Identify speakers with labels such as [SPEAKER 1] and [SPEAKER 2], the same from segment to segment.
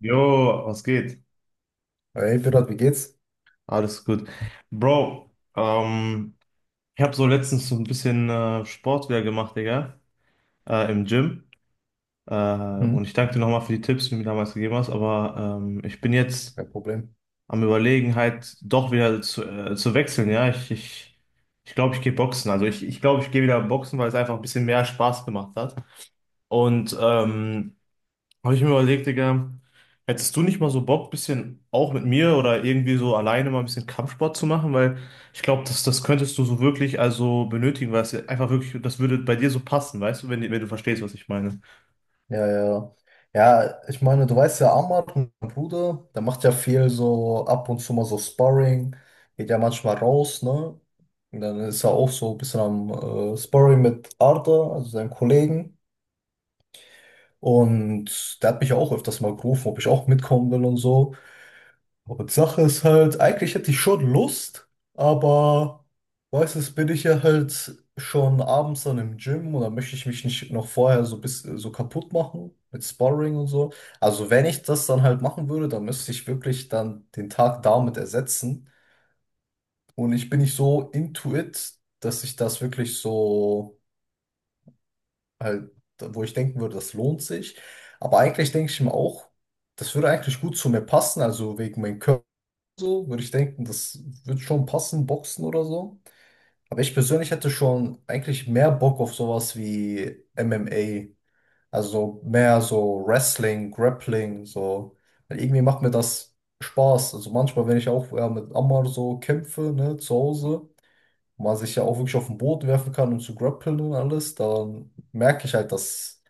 [SPEAKER 1] Jo, was geht?
[SPEAKER 2] Hey, Pirat, wie geht's?
[SPEAKER 1] Alles gut. Bro, ähm, ich habe so letztens so ein bisschen Sport wieder gemacht, Digga, im Gym. Äh,
[SPEAKER 2] Hm?
[SPEAKER 1] und ich danke dir nochmal für die Tipps, die du mir damals gegeben hast. Aber ich bin jetzt
[SPEAKER 2] Kein Problem.
[SPEAKER 1] am Überlegen, halt doch wieder zu wechseln, ja. Ich glaube, ich gehe boxen. Also ich glaube, ich gehe wieder boxen, weil es einfach ein bisschen mehr Spaß gemacht hat. Und habe ich mir überlegt, Digga, hättest du nicht mal so Bock, bisschen auch mit mir oder irgendwie so alleine mal ein bisschen Kampfsport zu machen? Weil ich glaube, das könntest du so wirklich also benötigen, weil es ja einfach wirklich, das würde bei dir so passen, weißt du, wenn du verstehst, was ich meine.
[SPEAKER 2] Ja, ja, ja. Ja, ich meine, du weißt ja, Amar, mein Bruder, der macht ja viel so ab und zu mal so Sparring, geht ja manchmal raus, ne? Und dann ist er auch so ein bisschen am Sparring mit Arda, also seinem Kollegen. Und der hat mich ja auch öfters mal gerufen, ob ich auch mitkommen will und so. Und Sache ist halt, eigentlich hätte ich schon Lust, aber weißt du, bin ich ja halt schon abends dann im Gym und dann möchte ich mich nicht noch vorher so bis so kaputt machen mit Sparring und so. Also wenn ich das dann halt machen würde, dann müsste ich wirklich dann den Tag damit ersetzen. Und ich bin nicht so into it, dass ich das wirklich so halt, wo ich denken würde, das lohnt sich. Aber eigentlich denke ich mir auch, das würde eigentlich gut zu mir passen, also wegen meinem Körper so, würde ich denken, das wird schon passen, Boxen oder so. Aber ich persönlich hätte schon eigentlich mehr Bock auf sowas wie MMA. Also so mehr so Wrestling, Grappling, so. Weil irgendwie macht mir das Spaß. Also manchmal, wenn ich auch ja, mit Ammar so kämpfe, ne, zu Hause, wo man sich ja auch wirklich auf den Boden werfen kann und zu grappeln und alles, dann merke ich halt, dass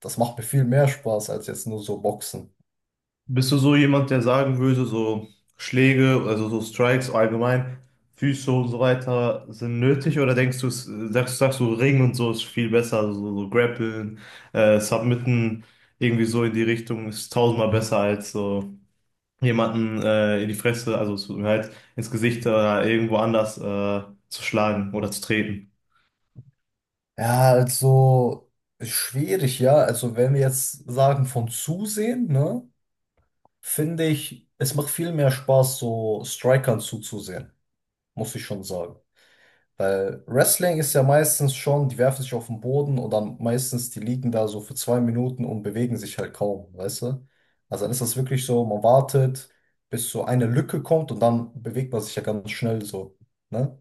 [SPEAKER 2] das macht mir viel mehr Spaß als jetzt nur so Boxen.
[SPEAKER 1] Bist du so jemand, der sagen würde, so Schläge, also so Strikes allgemein, Füße und so weiter sind nötig? Oder denkst du, sagst du, Ring und so ist viel besser, also so, so Grappeln, Submitten, irgendwie so in die Richtung ist tausendmal besser als so jemanden in die Fresse, also zu, halt ins Gesicht oder irgendwo anders zu schlagen oder zu treten.
[SPEAKER 2] Ja, also schwierig, ja. Also wenn wir jetzt sagen von zusehen, ne, finde ich, es macht viel mehr Spaß, so Strikern zuzusehen, muss ich schon sagen. Weil Wrestling ist ja meistens schon, die werfen sich auf den Boden und dann meistens, die liegen da so für 2 Minuten und bewegen sich halt kaum, weißt du? Also dann ist das wirklich so, man wartet, bis so eine Lücke kommt und dann bewegt man sich ja ganz schnell so, ne?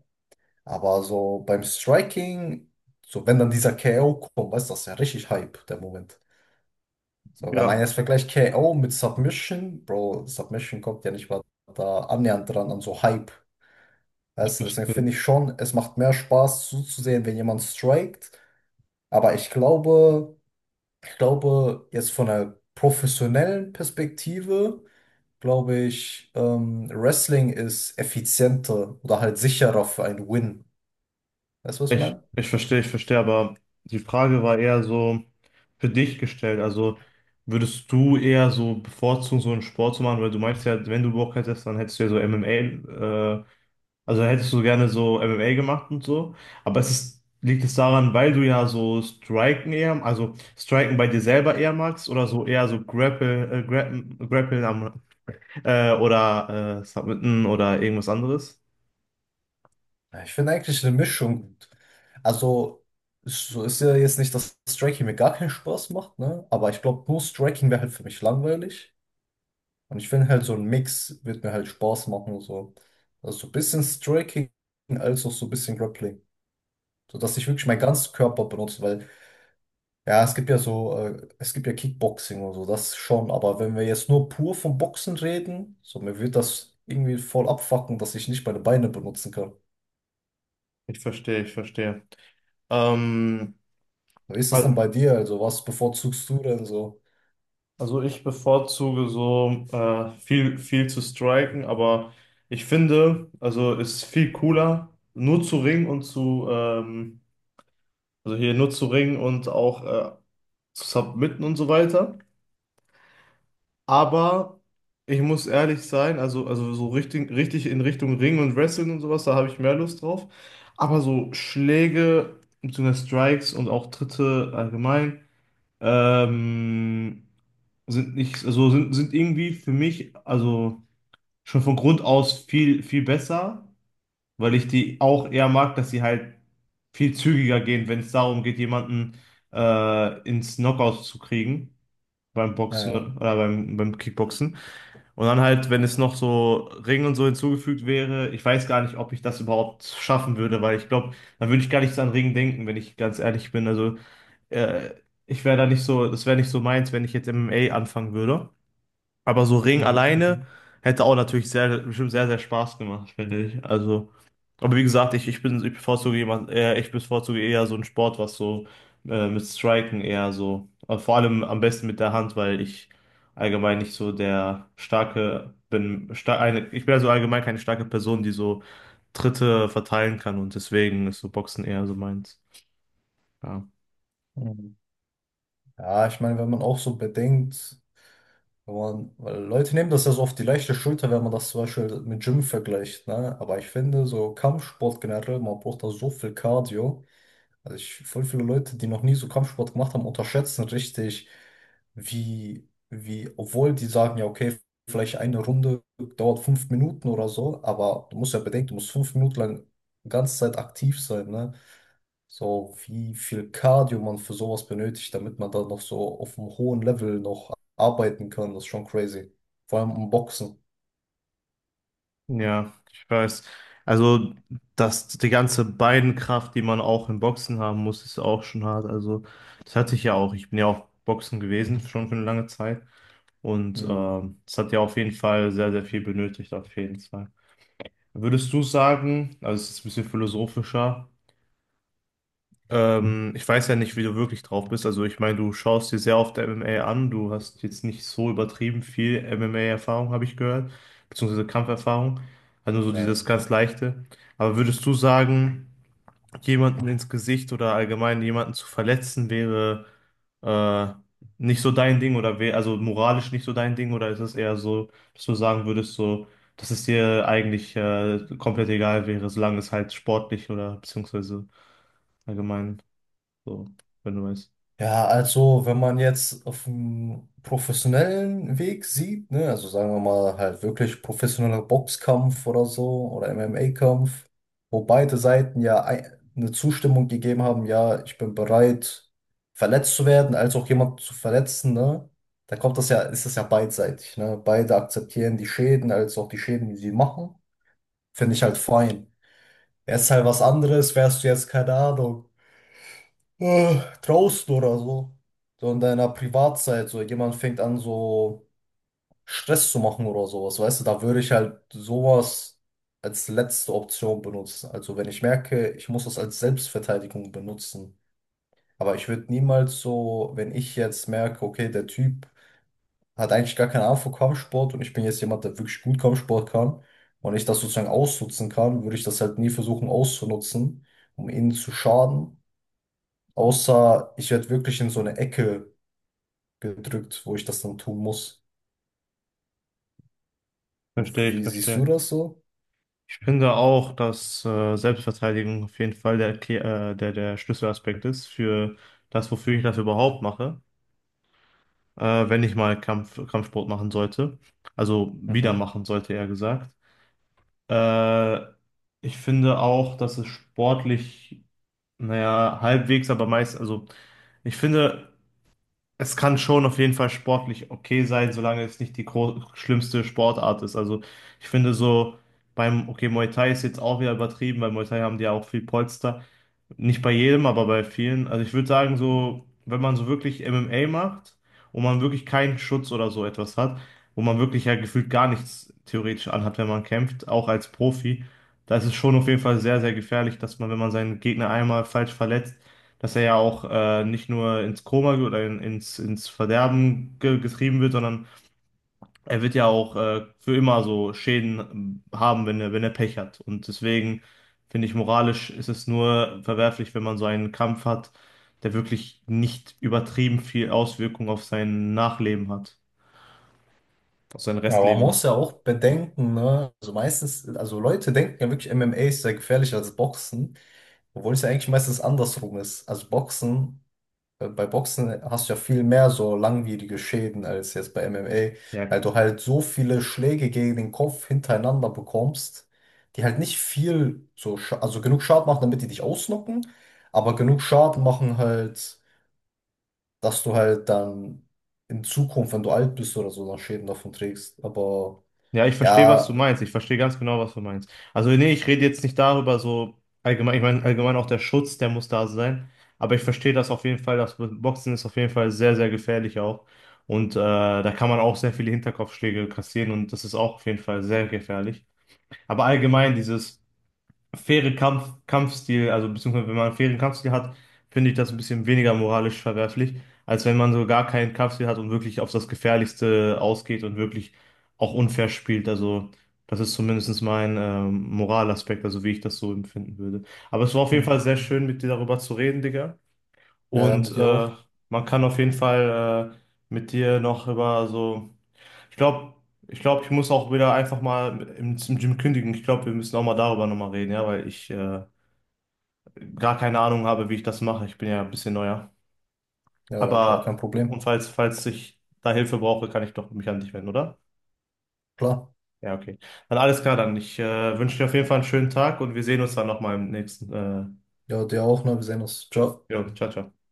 [SPEAKER 2] Aber so beim Striking, so wenn dann dieser KO kommt, weißt du, das ist ja richtig Hype, der Moment. So, wenn man
[SPEAKER 1] Ja,
[SPEAKER 2] jetzt vergleicht KO mit Submission, Bro, Submission kommt ja nicht mal da annähernd dran an so Hype.
[SPEAKER 1] ich
[SPEAKER 2] Weißt du, deswegen
[SPEAKER 1] verstehe.
[SPEAKER 2] finde ich schon, es macht mehr Spaß zuzusehen, wenn jemand strikt. Aber ich glaube, jetzt von einer professionellen Perspektive, glaube ich, Wrestling ist effizienter oder halt sicherer für einen Win. Weißt du, was ich
[SPEAKER 1] Ich,
[SPEAKER 2] meine?
[SPEAKER 1] ich verstehe, ich verstehe, aber die Frage war eher so für dich gestellt. Also würdest du eher so bevorzugen, so einen Sport zu machen, weil du meinst ja, wenn du Bock hättest, dann hättest du ja so MMA. Also hättest du gerne so MMA gemacht und so, aber es ist, liegt es daran, weil du ja so Striken eher, also Striken bei dir selber eher magst oder so eher so Grappeln am, oder Submitten oder irgendwas anderes?
[SPEAKER 2] Ja, ich finde eigentlich eine Mischung gut. Also, so ist ja jetzt nicht, dass Striking mir gar keinen Spaß macht, ne? Aber ich glaube, nur Striking wäre halt für mich langweilig. Und ich finde halt, so ein Mix wird mir halt Spaß machen. So. Also so ein bisschen Striking als auch so ein bisschen Grappling. So dass ich wirklich meinen ganzen Körper benutze, weil, ja, es gibt ja so, es gibt ja Kickboxing und so, das schon. Aber wenn wir jetzt nur pur vom Boxen reden, so mir wird das irgendwie voll abfucken, dass ich nicht meine Beine benutzen kann.
[SPEAKER 1] Ich verstehe, ich verstehe. Ähm,
[SPEAKER 2] Wie ist das denn
[SPEAKER 1] al-
[SPEAKER 2] bei dir? Also, was bevorzugst du denn so?
[SPEAKER 1] also ich bevorzuge so viel zu striken, aber ich finde, also ist viel cooler, nur zu ringen und zu, also hier nur zu ringen und auch zu submitten und so weiter. Aber ich muss ehrlich sein, also so richtig in Richtung Ring und Wrestling und sowas, da habe ich mehr Lust drauf. Aber so Schläge, beziehungsweise Strikes und auch Tritte allgemein, ähm, sind nicht, also sind, sind irgendwie für mich, also schon von Grund aus viel besser, weil ich die auch eher mag, dass sie halt viel zügiger gehen, wenn es darum geht, jemanden ins Knockout zu kriegen. Beim
[SPEAKER 2] Ja,
[SPEAKER 1] Boxen
[SPEAKER 2] ja.
[SPEAKER 1] oder beim Kickboxen. Und dann halt, wenn es noch so Ring und so hinzugefügt wäre, ich weiß gar nicht, ob ich das überhaupt schaffen würde, weil ich glaube, dann würde ich gar nicht so an Ring denken, wenn ich ganz ehrlich bin. Also, äh, ich wäre da nicht so, das wäre nicht so meins, wenn ich jetzt MMA anfangen würde. Aber so Ring
[SPEAKER 2] Mhm,
[SPEAKER 1] alleine
[SPEAKER 2] mhm,
[SPEAKER 1] hätte auch natürlich sehr, bestimmt sehr, sehr Spaß gemacht, finde ich. Also, aber wie gesagt, ich bevorzuge jemand, eher, ich bevorzuge eher so einen Sport, was so mit Striken eher so, vor allem am besten mit der Hand, weil ich allgemein nicht so der starke bin, ich bin also allgemein keine starke Person, die so Tritte verteilen kann und deswegen ist so Boxen eher so meins. Ja.
[SPEAKER 2] mhm. Ja, ich meine, wenn man auch so bedenkt, wenn man, weil Leute nehmen das ja so auf die leichte Schulter, wenn man das zum Beispiel mit Gym vergleicht, ne? Aber ich finde, so Kampfsport generell, man braucht da so viel Cardio. Also ich, voll viele Leute, die noch nie so Kampfsport gemacht haben, unterschätzen richtig, wie, obwohl die sagen, ja, okay, vielleicht eine Runde dauert 5 Minuten oder so, aber du musst ja bedenken, du musst 5 Minuten lang die ganze Zeit aktiv sein, ne? So, wie viel Cardio man für sowas benötigt, damit man da noch so auf einem hohen Level noch arbeiten kann, das ist schon crazy. Vor allem im Boxen.
[SPEAKER 1] Ja, ich weiß. Also, dass die ganze Beinkraft, die man auch im Boxen haben muss, ist auch schon hart. Also, das hatte ich ja auch. Ich bin ja auch Boxen gewesen, schon für eine lange Zeit. Und
[SPEAKER 2] Hm.
[SPEAKER 1] das hat ja auf jeden Fall sehr viel benötigt, auf jeden Fall. Würdest du sagen, also es ist ein bisschen philosophischer, ich weiß ja nicht, wie du wirklich drauf bist. Also ich meine, du schaust dir sehr oft MMA an. Du hast jetzt nicht so übertrieben viel MMA-Erfahrung, habe ich gehört, beziehungsweise Kampferfahrung. Also so
[SPEAKER 2] Ja,
[SPEAKER 1] dieses
[SPEAKER 2] ja.
[SPEAKER 1] ganz Leichte. Aber würdest du sagen, jemanden ins Gesicht oder allgemein jemanden zu verletzen wäre äh, nicht so dein Ding oder wäre also moralisch nicht so dein Ding oder ist es eher so, dass du sagen würdest, so, dass es dir eigentlich komplett egal wäre, solange es halt sportlich oder beziehungsweise allgemein so, wenn du weißt.
[SPEAKER 2] Ja, also wenn man jetzt auf dem professionellen Weg sieht, ne, also sagen wir mal halt wirklich professioneller Boxkampf oder so oder MMA-Kampf, wo beide Seiten ja ei- eine Zustimmung gegeben haben, ja, ich bin bereit, verletzt zu werden, als auch jemand zu verletzen, ne, da kommt das ja, ist das ja beidseitig, ne, beide akzeptieren die Schäden, als auch die Schäden, die sie machen, finde ich halt fein. Wäre es halt was anderes, wärst du jetzt, keine Ahnung äh, draußen oder so. So in deiner Privatzeit, so jemand fängt an, so Stress zu machen oder sowas, weißt du, da würde ich halt sowas als letzte Option benutzen. Also wenn ich merke, ich muss das als Selbstverteidigung benutzen. Aber ich würde niemals so, wenn ich jetzt merke, okay, der Typ hat eigentlich gar keine Ahnung von Kampfsport und ich bin jetzt jemand, der wirklich gut Kampfsport kann und ich das sozusagen ausnutzen kann, würde ich das halt nie versuchen auszunutzen, um ihnen zu schaden. Außer ich werde wirklich in so eine Ecke gedrückt, wo ich das dann tun muss. Wie siehst du
[SPEAKER 1] Verstehe.
[SPEAKER 2] das so?
[SPEAKER 1] Ich finde auch, dass Selbstverteidigung auf jeden Fall der, der Schlüsselaspekt ist für das, wofür ich das überhaupt mache, wenn ich mal Kampfsport machen sollte. Also wieder
[SPEAKER 2] Mhm.
[SPEAKER 1] machen sollte, eher gesagt. Äh, ich finde auch, dass es sportlich, naja, halbwegs, aber meist, also ich finde. Es kann schon auf jeden Fall sportlich okay sein, solange es nicht die schlimmste Sportart ist. Also ich finde so beim, okay, Muay Thai ist jetzt auch wieder übertrieben, weil Muay Thai haben die ja auch viel Polster, nicht bei jedem, aber bei vielen. Also ich würde sagen, so, wenn man so wirklich MMA macht und man wirklich keinen Schutz oder so etwas hat, wo man wirklich ja gefühlt gar nichts theoretisch anhat, wenn man kämpft, auch als Profi, da ist es schon auf jeden Fall sehr gefährlich, dass man, wenn man seinen Gegner einmal falsch verletzt, dass er ja auch nicht nur ins Koma ge- oder in, ins, ins Verderben ge getrieben wird, sondern er wird ja auch für immer so Schäden haben, wenn er Pech hat. Und deswegen finde ich, moralisch ist es nur verwerflich, wenn man so einen Kampf hat, der wirklich nicht übertrieben viel Auswirkung auf sein Nachleben hat, auf sein
[SPEAKER 2] Aber man
[SPEAKER 1] Restleben
[SPEAKER 2] muss
[SPEAKER 1] hat.
[SPEAKER 2] ja auch bedenken, ne? Also meistens, also Leute denken ja wirklich, MMA ist sehr gefährlich als Boxen, obwohl es ja eigentlich meistens andersrum ist. Also Boxen, bei Boxen hast du ja viel mehr so langwierige Schäden als jetzt bei MMA,
[SPEAKER 1] Ja,
[SPEAKER 2] weil du halt so viele Schläge gegen den Kopf hintereinander bekommst, die halt nicht viel so, also genug Schaden machen, damit die dich ausnocken, aber genug Schaden machen halt. Dass du halt dann in Zukunft, wenn du alt bist oder so, dann Schäden davon trägst. Aber
[SPEAKER 1] ja, ich verstehe, was du
[SPEAKER 2] ja,
[SPEAKER 1] meinst. Ich verstehe ganz genau, was du meinst. Also, nee, ich rede jetzt nicht darüber, so allgemein, ich meine, allgemein auch der Schutz, der muss da sein. Aber ich verstehe das auf jeden Fall. Das Boxen ist auf jeden Fall sehr gefährlich auch. Und da kann man auch sehr viele Hinterkopfschläge kassieren und das ist auch auf jeden Fall sehr gefährlich. Aber allgemein dieses faire Kampfstil, also beziehungsweise wenn man einen fairen Kampfstil hat, finde ich das ein bisschen weniger moralisch verwerflich, als wenn man so gar keinen Kampfstil hat und wirklich auf das Gefährlichste ausgeht und wirklich auch unfair spielt. Also das ist zumindest mein Moralaspekt, also wie ich das so empfinden würde. Aber es war auf jeden Fall
[SPEAKER 2] Hm.
[SPEAKER 1] sehr
[SPEAKER 2] Hm.
[SPEAKER 1] schön, mit dir darüber zu reden, Digga.
[SPEAKER 2] Ja, ja,
[SPEAKER 1] Und
[SPEAKER 2] mit dir auch.
[SPEAKER 1] man kann auf jeden Fall mit dir noch über so ich glaube, ich glaube, ich muss auch wieder einfach mal im Gym kündigen. Ich glaube, wir müssen auch mal darüber nochmal reden, ja, weil ich gar keine Ahnung habe, wie ich das mache. Ich bin ja ein bisschen neuer.
[SPEAKER 2] Ja, ja, klar, kein
[SPEAKER 1] Aber, und
[SPEAKER 2] Problem.
[SPEAKER 1] falls ich da Hilfe brauche, kann ich doch mich an dich wenden, oder?
[SPEAKER 2] Klar.
[SPEAKER 1] Ja, okay. Dann alles klar, dann. Ich wünsche dir auf jeden Fall einen schönen Tag und wir sehen uns dann nochmal im nächsten.
[SPEAKER 2] Ja, dir auch, ne? Wir sehen uns. Ciao.
[SPEAKER 1] Jo, ciao, ciao.